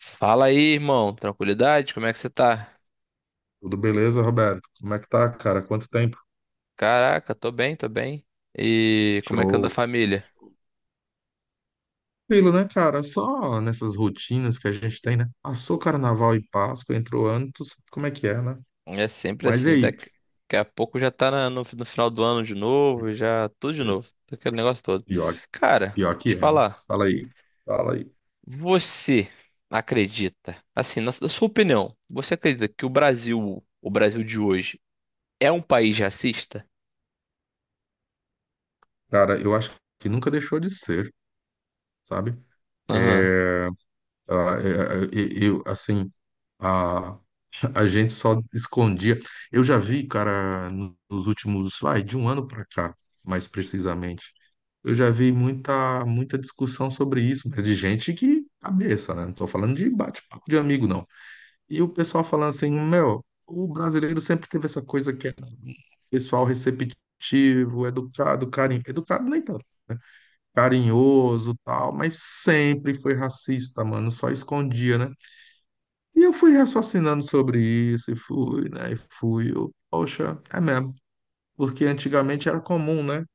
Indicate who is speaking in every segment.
Speaker 1: Fala aí, irmão. Tranquilidade? Como é que você tá?
Speaker 2: Tudo beleza, Roberto? Como é que tá, cara? Quanto tempo?
Speaker 1: Caraca, tô bem, tô bem. E como é que anda a
Speaker 2: Show.
Speaker 1: família?
Speaker 2: Tranquilo, né, cara? Só nessas rotinas que a gente tem, né? Passou Carnaval e Páscoa, entrou ano, tu sabe como é que é, né?
Speaker 1: É sempre
Speaker 2: Mas e
Speaker 1: assim,
Speaker 2: aí?
Speaker 1: daqui a pouco já tá no final do ano de novo, já tudo de novo, aquele negócio todo.
Speaker 2: Pior,
Speaker 1: Cara,
Speaker 2: pior que
Speaker 1: te
Speaker 2: é, né?
Speaker 1: falar,
Speaker 2: Fala aí, fala aí.
Speaker 1: você acredita, assim, na sua opinião, você acredita que o Brasil de hoje, é um país racista?
Speaker 2: Cara, eu acho que nunca deixou de ser, sabe?
Speaker 1: Aham,
Speaker 2: É, ah, é, é, eu, assim, a, A gente só escondia. Eu já vi, cara, nos últimos, vai, de um ano para cá, mais precisamente, eu já vi muita, muita discussão sobre isso, mas de gente que cabeça, né? Não tô falando de bate-papo de amigo, não. E o pessoal falando assim, meu, o brasileiro sempre teve essa coisa que era pessoal receptivo, educado, carinho, educado nem tanto, né? Carinhoso, tal, mas sempre foi racista, mano, só escondia, né? E eu fui raciocinando sobre isso, e fui, né? E fui, eu, poxa, é mesmo. Porque antigamente era comum, né?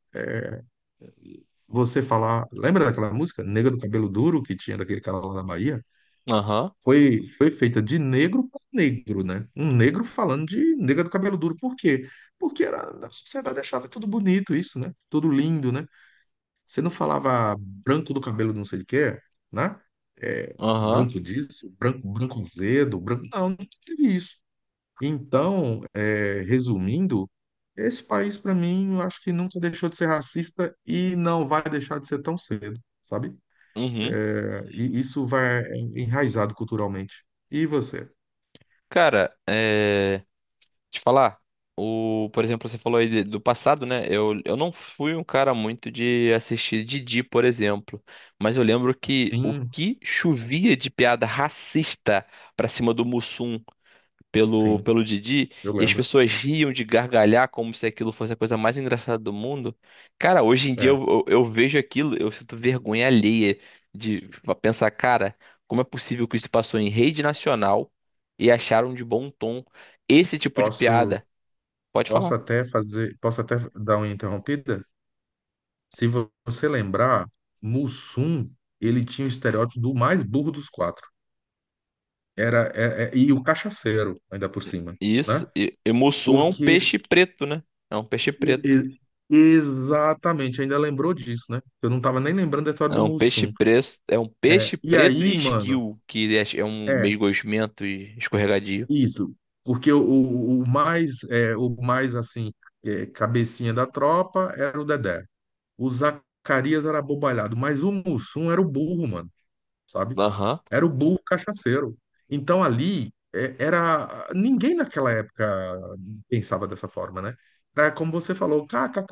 Speaker 2: Você falar. Lembra daquela música, Negra do Cabelo Duro, que tinha daquele cara lá da Bahia?
Speaker 1: aham,
Speaker 2: Foi, foi feita de negro para negro, né? Um negro falando de negra do cabelo duro. Por quê? Porque era, a sociedade achava tudo bonito isso, né? Tudo lindo, né? Você não falava branco do cabelo não sei de quê, né? É,
Speaker 1: aham,
Speaker 2: branco disso, branco, branco azedo, branco. Não, não teve isso. Então, é, resumindo, esse país, para mim, eu acho que nunca deixou de ser racista e não vai deixar de ser tão cedo, sabe?
Speaker 1: uhum.
Speaker 2: É, e isso vai enraizado culturalmente. E você?
Speaker 1: Cara, é. Te falar, por exemplo, você falou aí do passado, né? Eu não fui um cara muito de assistir Didi, por exemplo, mas eu lembro que o
Speaker 2: Sim,
Speaker 1: que chovia de piada racista pra cima do Mussum pelo,
Speaker 2: sim,
Speaker 1: pelo Didi,
Speaker 2: eu
Speaker 1: e as
Speaker 2: lembro.
Speaker 1: pessoas riam de gargalhar como se aquilo fosse a coisa mais engraçada do mundo. Cara, hoje em dia
Speaker 2: É,
Speaker 1: eu vejo aquilo, eu sinto vergonha alheia de pensar, cara, como é possível que isso passou em rede nacional e acharam de bom tom esse tipo de
Speaker 2: posso,
Speaker 1: piada? Pode
Speaker 2: posso
Speaker 1: falar.
Speaker 2: até fazer, posso até dar uma interrompida? Se você lembrar, Mussum, ele tinha o estereótipo do mais burro dos quatro. Era, e o cachaceiro, ainda por cima, né?
Speaker 1: Isso. E mussum é um
Speaker 2: Porque
Speaker 1: peixe preto, né? É um peixe
Speaker 2: Ex-
Speaker 1: preto.
Speaker 2: ex- exatamente, ainda lembrou disso, né? Eu não tava nem lembrando da história
Speaker 1: É
Speaker 2: do
Speaker 1: um peixe
Speaker 2: Mussum.
Speaker 1: preto. É um
Speaker 2: É,
Speaker 1: peixe
Speaker 2: e
Speaker 1: preto
Speaker 2: aí,
Speaker 1: e
Speaker 2: mano,
Speaker 1: esguio, que é um
Speaker 2: é
Speaker 1: meio gosmento e escorregadio.
Speaker 2: isso. Porque o mais, é, o mais assim, é, cabecinha da tropa era o Dedé. O Zacarias era abobalhado, mas o Mussum era o burro, mano. Sabe?
Speaker 1: Aham.
Speaker 2: Era o burro cachaceiro. Então ali é, era ninguém naquela época pensava dessa forma, né? Era como você falou, kkkk,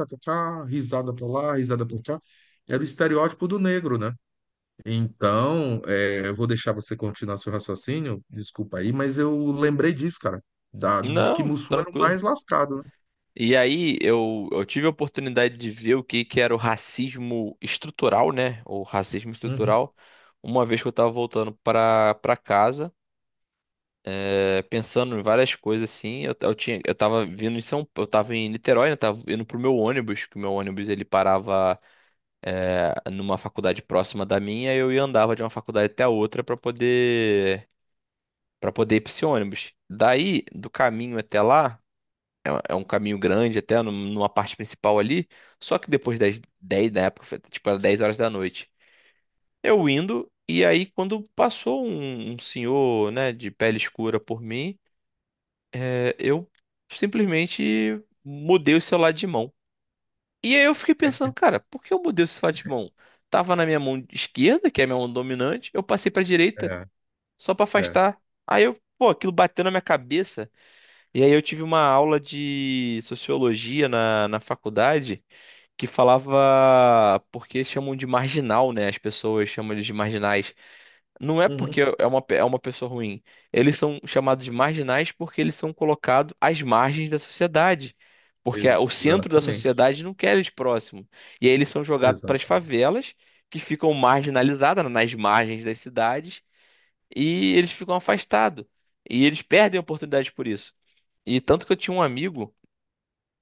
Speaker 2: risada pra lá, risada pra cá. Era o estereótipo do negro, né? Então, é, eu vou deixar você continuar seu raciocínio, desculpa aí, mas eu lembrei disso, cara, da, de que
Speaker 1: Não,
Speaker 2: Mussum era o
Speaker 1: tranquilo.
Speaker 2: mais lascado, né?
Speaker 1: E aí eu tive a oportunidade de ver o que, que era o racismo estrutural, né? O racismo
Speaker 2: Uhum.
Speaker 1: estrutural, uma vez que eu tava voltando pra casa. É, pensando em várias coisas assim. Eu tinha, eu tava vindo em São, eu tava em Niterói, né? Tava indo pro meu ônibus, que o meu ônibus ele parava numa faculdade próxima da minha, e eu ia andava de uma faculdade até a outra pra poder para poder ir pra esse ônibus. Daí, do caminho até lá, é, é um caminho grande até numa parte principal ali, só que depois das 10 da época, foi, tipo, era 10 horas da noite. Eu indo. E aí, quando passou um senhor, né, de pele escura por mim, é, eu simplesmente mudei o celular de mão. E aí eu fiquei pensando, cara, por que eu mudei o celular de mão? Tava na minha mão esquerda, que é a minha mão dominante, eu passei pra direita
Speaker 2: É,
Speaker 1: só pra
Speaker 2: é.
Speaker 1: afastar. Aí eu, pô, aquilo bateu na minha cabeça. E aí eu tive uma aula de sociologia na faculdade que falava porque chamam de marginal, né? As pessoas chamam eles de marginais. Não é porque
Speaker 2: Uhum.
Speaker 1: é uma, é uma pessoa ruim. Eles são chamados de marginais porque eles são colocados às margens da sociedade. Porque o centro da
Speaker 2: Exatamente,
Speaker 1: sociedade não quer eles próximos. E aí eles são jogados para as
Speaker 2: exatamente.
Speaker 1: favelas, que ficam marginalizadas, né, nas margens das cidades, e eles ficam afastados. E eles perdem oportunidades por isso. E tanto que eu tinha um amigo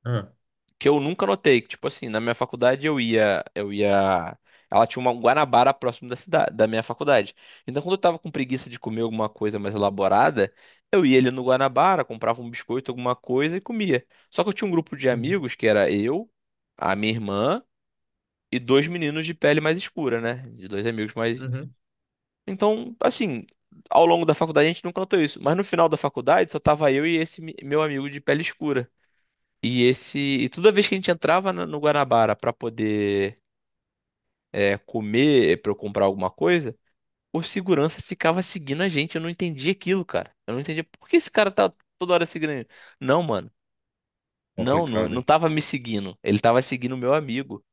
Speaker 2: É.
Speaker 1: que eu nunca notei, que tipo assim, na minha faculdade eu ia, ela tinha uma um Guanabara próximo da cidade, da minha faculdade. Então quando eu tava com preguiça de comer alguma coisa mais elaborada, eu ia ali no Guanabara, comprava um biscoito, alguma coisa e comia. Só que eu tinha um grupo de
Speaker 2: Uhum.
Speaker 1: amigos que era eu, a minha irmã e dois meninos de pele mais escura, né? De dois amigos mais.
Speaker 2: Uhum.
Speaker 1: Então, assim, ao longo da faculdade a gente nunca notou isso, mas no final da faculdade só tava eu e esse meu amigo de pele escura. E esse, e toda vez que a gente entrava no Guanabara para poder comer, para eu comprar alguma coisa, o segurança ficava seguindo a gente. Eu não entendia aquilo, cara. Eu não entendia por que esse cara tá toda hora seguindo a gente? Não, mano. Não, não,
Speaker 2: Complicado,
Speaker 1: não
Speaker 2: hein?
Speaker 1: tava me seguindo. Ele tava seguindo o meu amigo.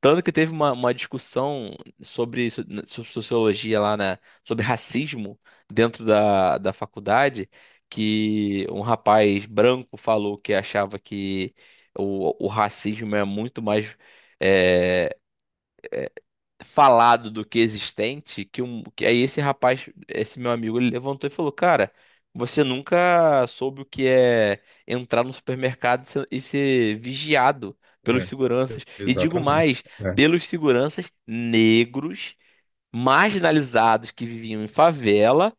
Speaker 1: Tanto que teve uma discussão sobre, sobre sociologia lá, né? Sobre racismo dentro da faculdade, que um rapaz branco falou que achava que o racismo é muito mais, eh, falado do que existente, que aí esse rapaz, esse meu amigo, ele levantou e falou, cara, você nunca soube o que é entrar no supermercado e ser vigiado pelos
Speaker 2: É,
Speaker 1: seguranças. E digo
Speaker 2: exatamente.
Speaker 1: mais,
Speaker 2: É.
Speaker 1: pelos seguranças negros, marginalizados que viviam em favela,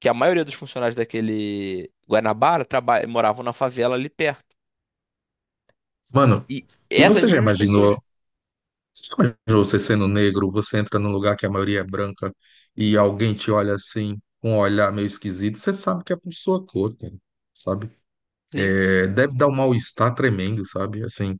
Speaker 1: que a maioria dos funcionários daquele Guanabara moravam na favela ali perto.
Speaker 2: Mano,
Speaker 1: E
Speaker 2: e
Speaker 1: essas
Speaker 2: você já
Speaker 1: mesmas pessoas,
Speaker 2: imaginou? Você já imaginou você sendo negro, você entra num lugar que a maioria é branca e alguém te olha assim, com um olhar meio esquisito, você sabe que é por sua cor, cara, sabe?
Speaker 1: sim.
Speaker 2: É, deve dar um mal-estar tremendo, sabe? Assim,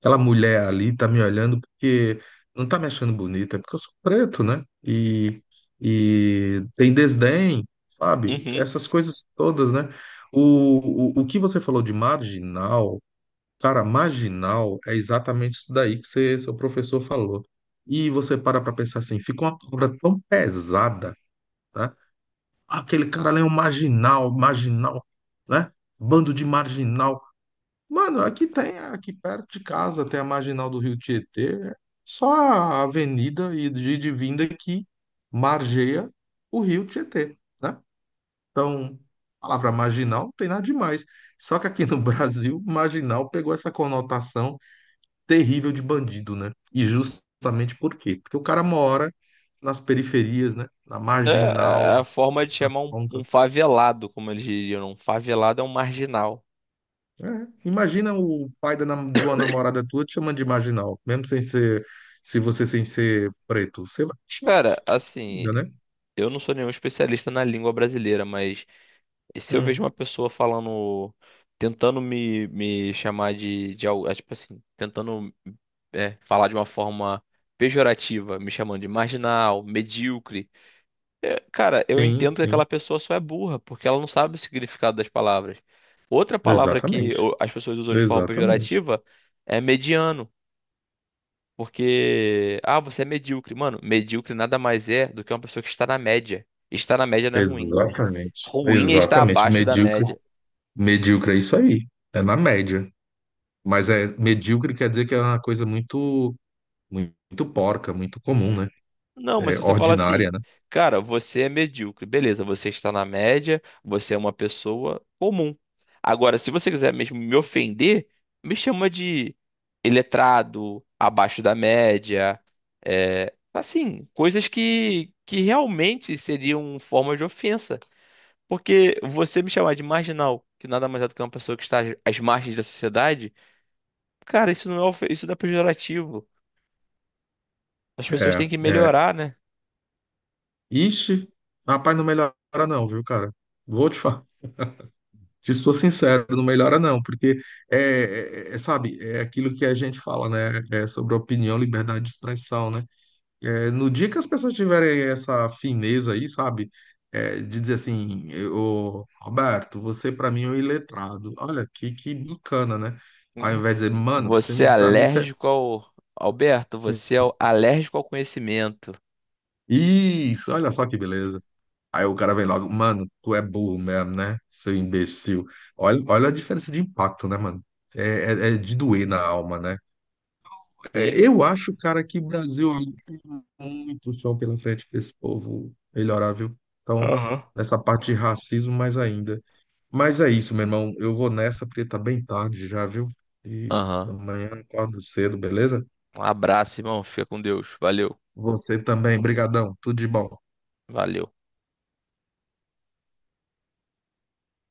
Speaker 2: aquela mulher ali tá me olhando porque não tá me achando bonita, é porque eu sou preto, né? E tem desdém, sabe?
Speaker 1: Uhum.
Speaker 2: Essas coisas todas, né? O que você falou de marginal. Cara, marginal é exatamente isso daí que você, seu professor falou. E você para pensar assim, fica uma palavra tão pesada, tá? Ah, aquele cara lá é um marginal, marginal, né? Bando de marginal. Mano, aqui tem, aqui perto de casa tem a Marginal do Rio Tietê, é só a avenida e de vinda que margeia o Rio Tietê, né? Então, a palavra marginal não tem nada demais. Só que aqui no Brasil, marginal pegou essa conotação terrível de bandido, né? E justamente por quê? Porque o cara mora nas periferias, né? Na
Speaker 1: É é, é
Speaker 2: marginal,
Speaker 1: a forma de
Speaker 2: nas
Speaker 1: chamar um
Speaker 2: pontas.
Speaker 1: favelado, como eles diriam. Um favelado é um marginal.
Speaker 2: É. Imagina o pai da de uma namorada tua te chamando de marginal, mesmo sem ser, se você sem ser preto. Você vai te chamar de
Speaker 1: Cara,
Speaker 2: festa
Speaker 1: assim,
Speaker 2: ainda, né?
Speaker 1: eu não sou nenhum especialista na língua brasileira, mas se eu vejo
Speaker 2: Hum.
Speaker 1: uma pessoa falando, tentando me chamar de algo, é, tipo assim, tentando é, falar de uma forma pejorativa, me chamando de marginal, medíocre. É, cara, eu
Speaker 2: Sim,
Speaker 1: entendo que
Speaker 2: sim.
Speaker 1: aquela pessoa só é burra, porque ela não sabe o significado das palavras. Outra palavra que
Speaker 2: Exatamente.
Speaker 1: as pessoas usam de forma
Speaker 2: Exatamente.
Speaker 1: pejorativa é mediano, porque, ah, você é medíocre. Mano, medíocre nada mais é do que uma pessoa que está na média. Estar na média não é ruim.
Speaker 2: Exatamente.
Speaker 1: Ruim é estar
Speaker 2: Exatamente.
Speaker 1: abaixo da
Speaker 2: Medíocre.
Speaker 1: média.
Speaker 2: Medíocre é isso aí. É na média. Mas é medíocre quer dizer que é uma coisa muito. Muito porca, muito comum, né?
Speaker 1: Não, mas
Speaker 2: É,
Speaker 1: se você falar assim,
Speaker 2: ordinária, né?
Speaker 1: cara, você é medíocre, beleza, você está na média, você é uma pessoa comum. Agora, se você quiser mesmo me ofender, me chama de iletrado, abaixo da média, é, assim, coisas que realmente seriam forma de ofensa. Porque você me chamar de marginal, que nada mais é do que uma pessoa que está às margens da sociedade, cara, isso não é, isso não é pejorativo. As pessoas
Speaker 2: É,
Speaker 1: têm que
Speaker 2: é.
Speaker 1: melhorar, né?
Speaker 2: Ixi, rapaz, não melhora não, viu, cara? Vou te falar, te sou sincero, não melhora não, porque é, é, sabe, é aquilo que a gente fala, né? É sobre opinião, liberdade de expressão, né? É, no dia que as pessoas tiverem essa fineza aí, sabe? É, de dizer assim, ô, Roberto, você pra mim é um iletrado. Olha, que bacana, né? Ao invés de dizer, mano, você-
Speaker 1: Você é
Speaker 2: pra mim você.
Speaker 1: alérgico ao. Alberto, você é alérgico ao conhecimento.
Speaker 2: Isso, olha só que beleza. Aí o cara vem logo, mano, tu é burro mesmo, né? Seu imbecil. Olha, olha a diferença de impacto, né, mano? É, é de doer na alma, né?
Speaker 1: Sim?
Speaker 2: É, eu acho, cara, que o Brasil ainda tem muito chão pela frente para esse povo melhorar, viu? Então,
Speaker 1: Aham.
Speaker 2: nessa parte de racismo, mais ainda. Mas é isso, meu irmão. Eu vou nessa, porque tá bem tarde já, viu? E
Speaker 1: Aham.
Speaker 2: amanhã eu acordo cedo, beleza?
Speaker 1: Um abraço, irmão. Fica com Deus. Valeu.
Speaker 2: Você também, brigadão. Tudo de bom.
Speaker 1: Valeu.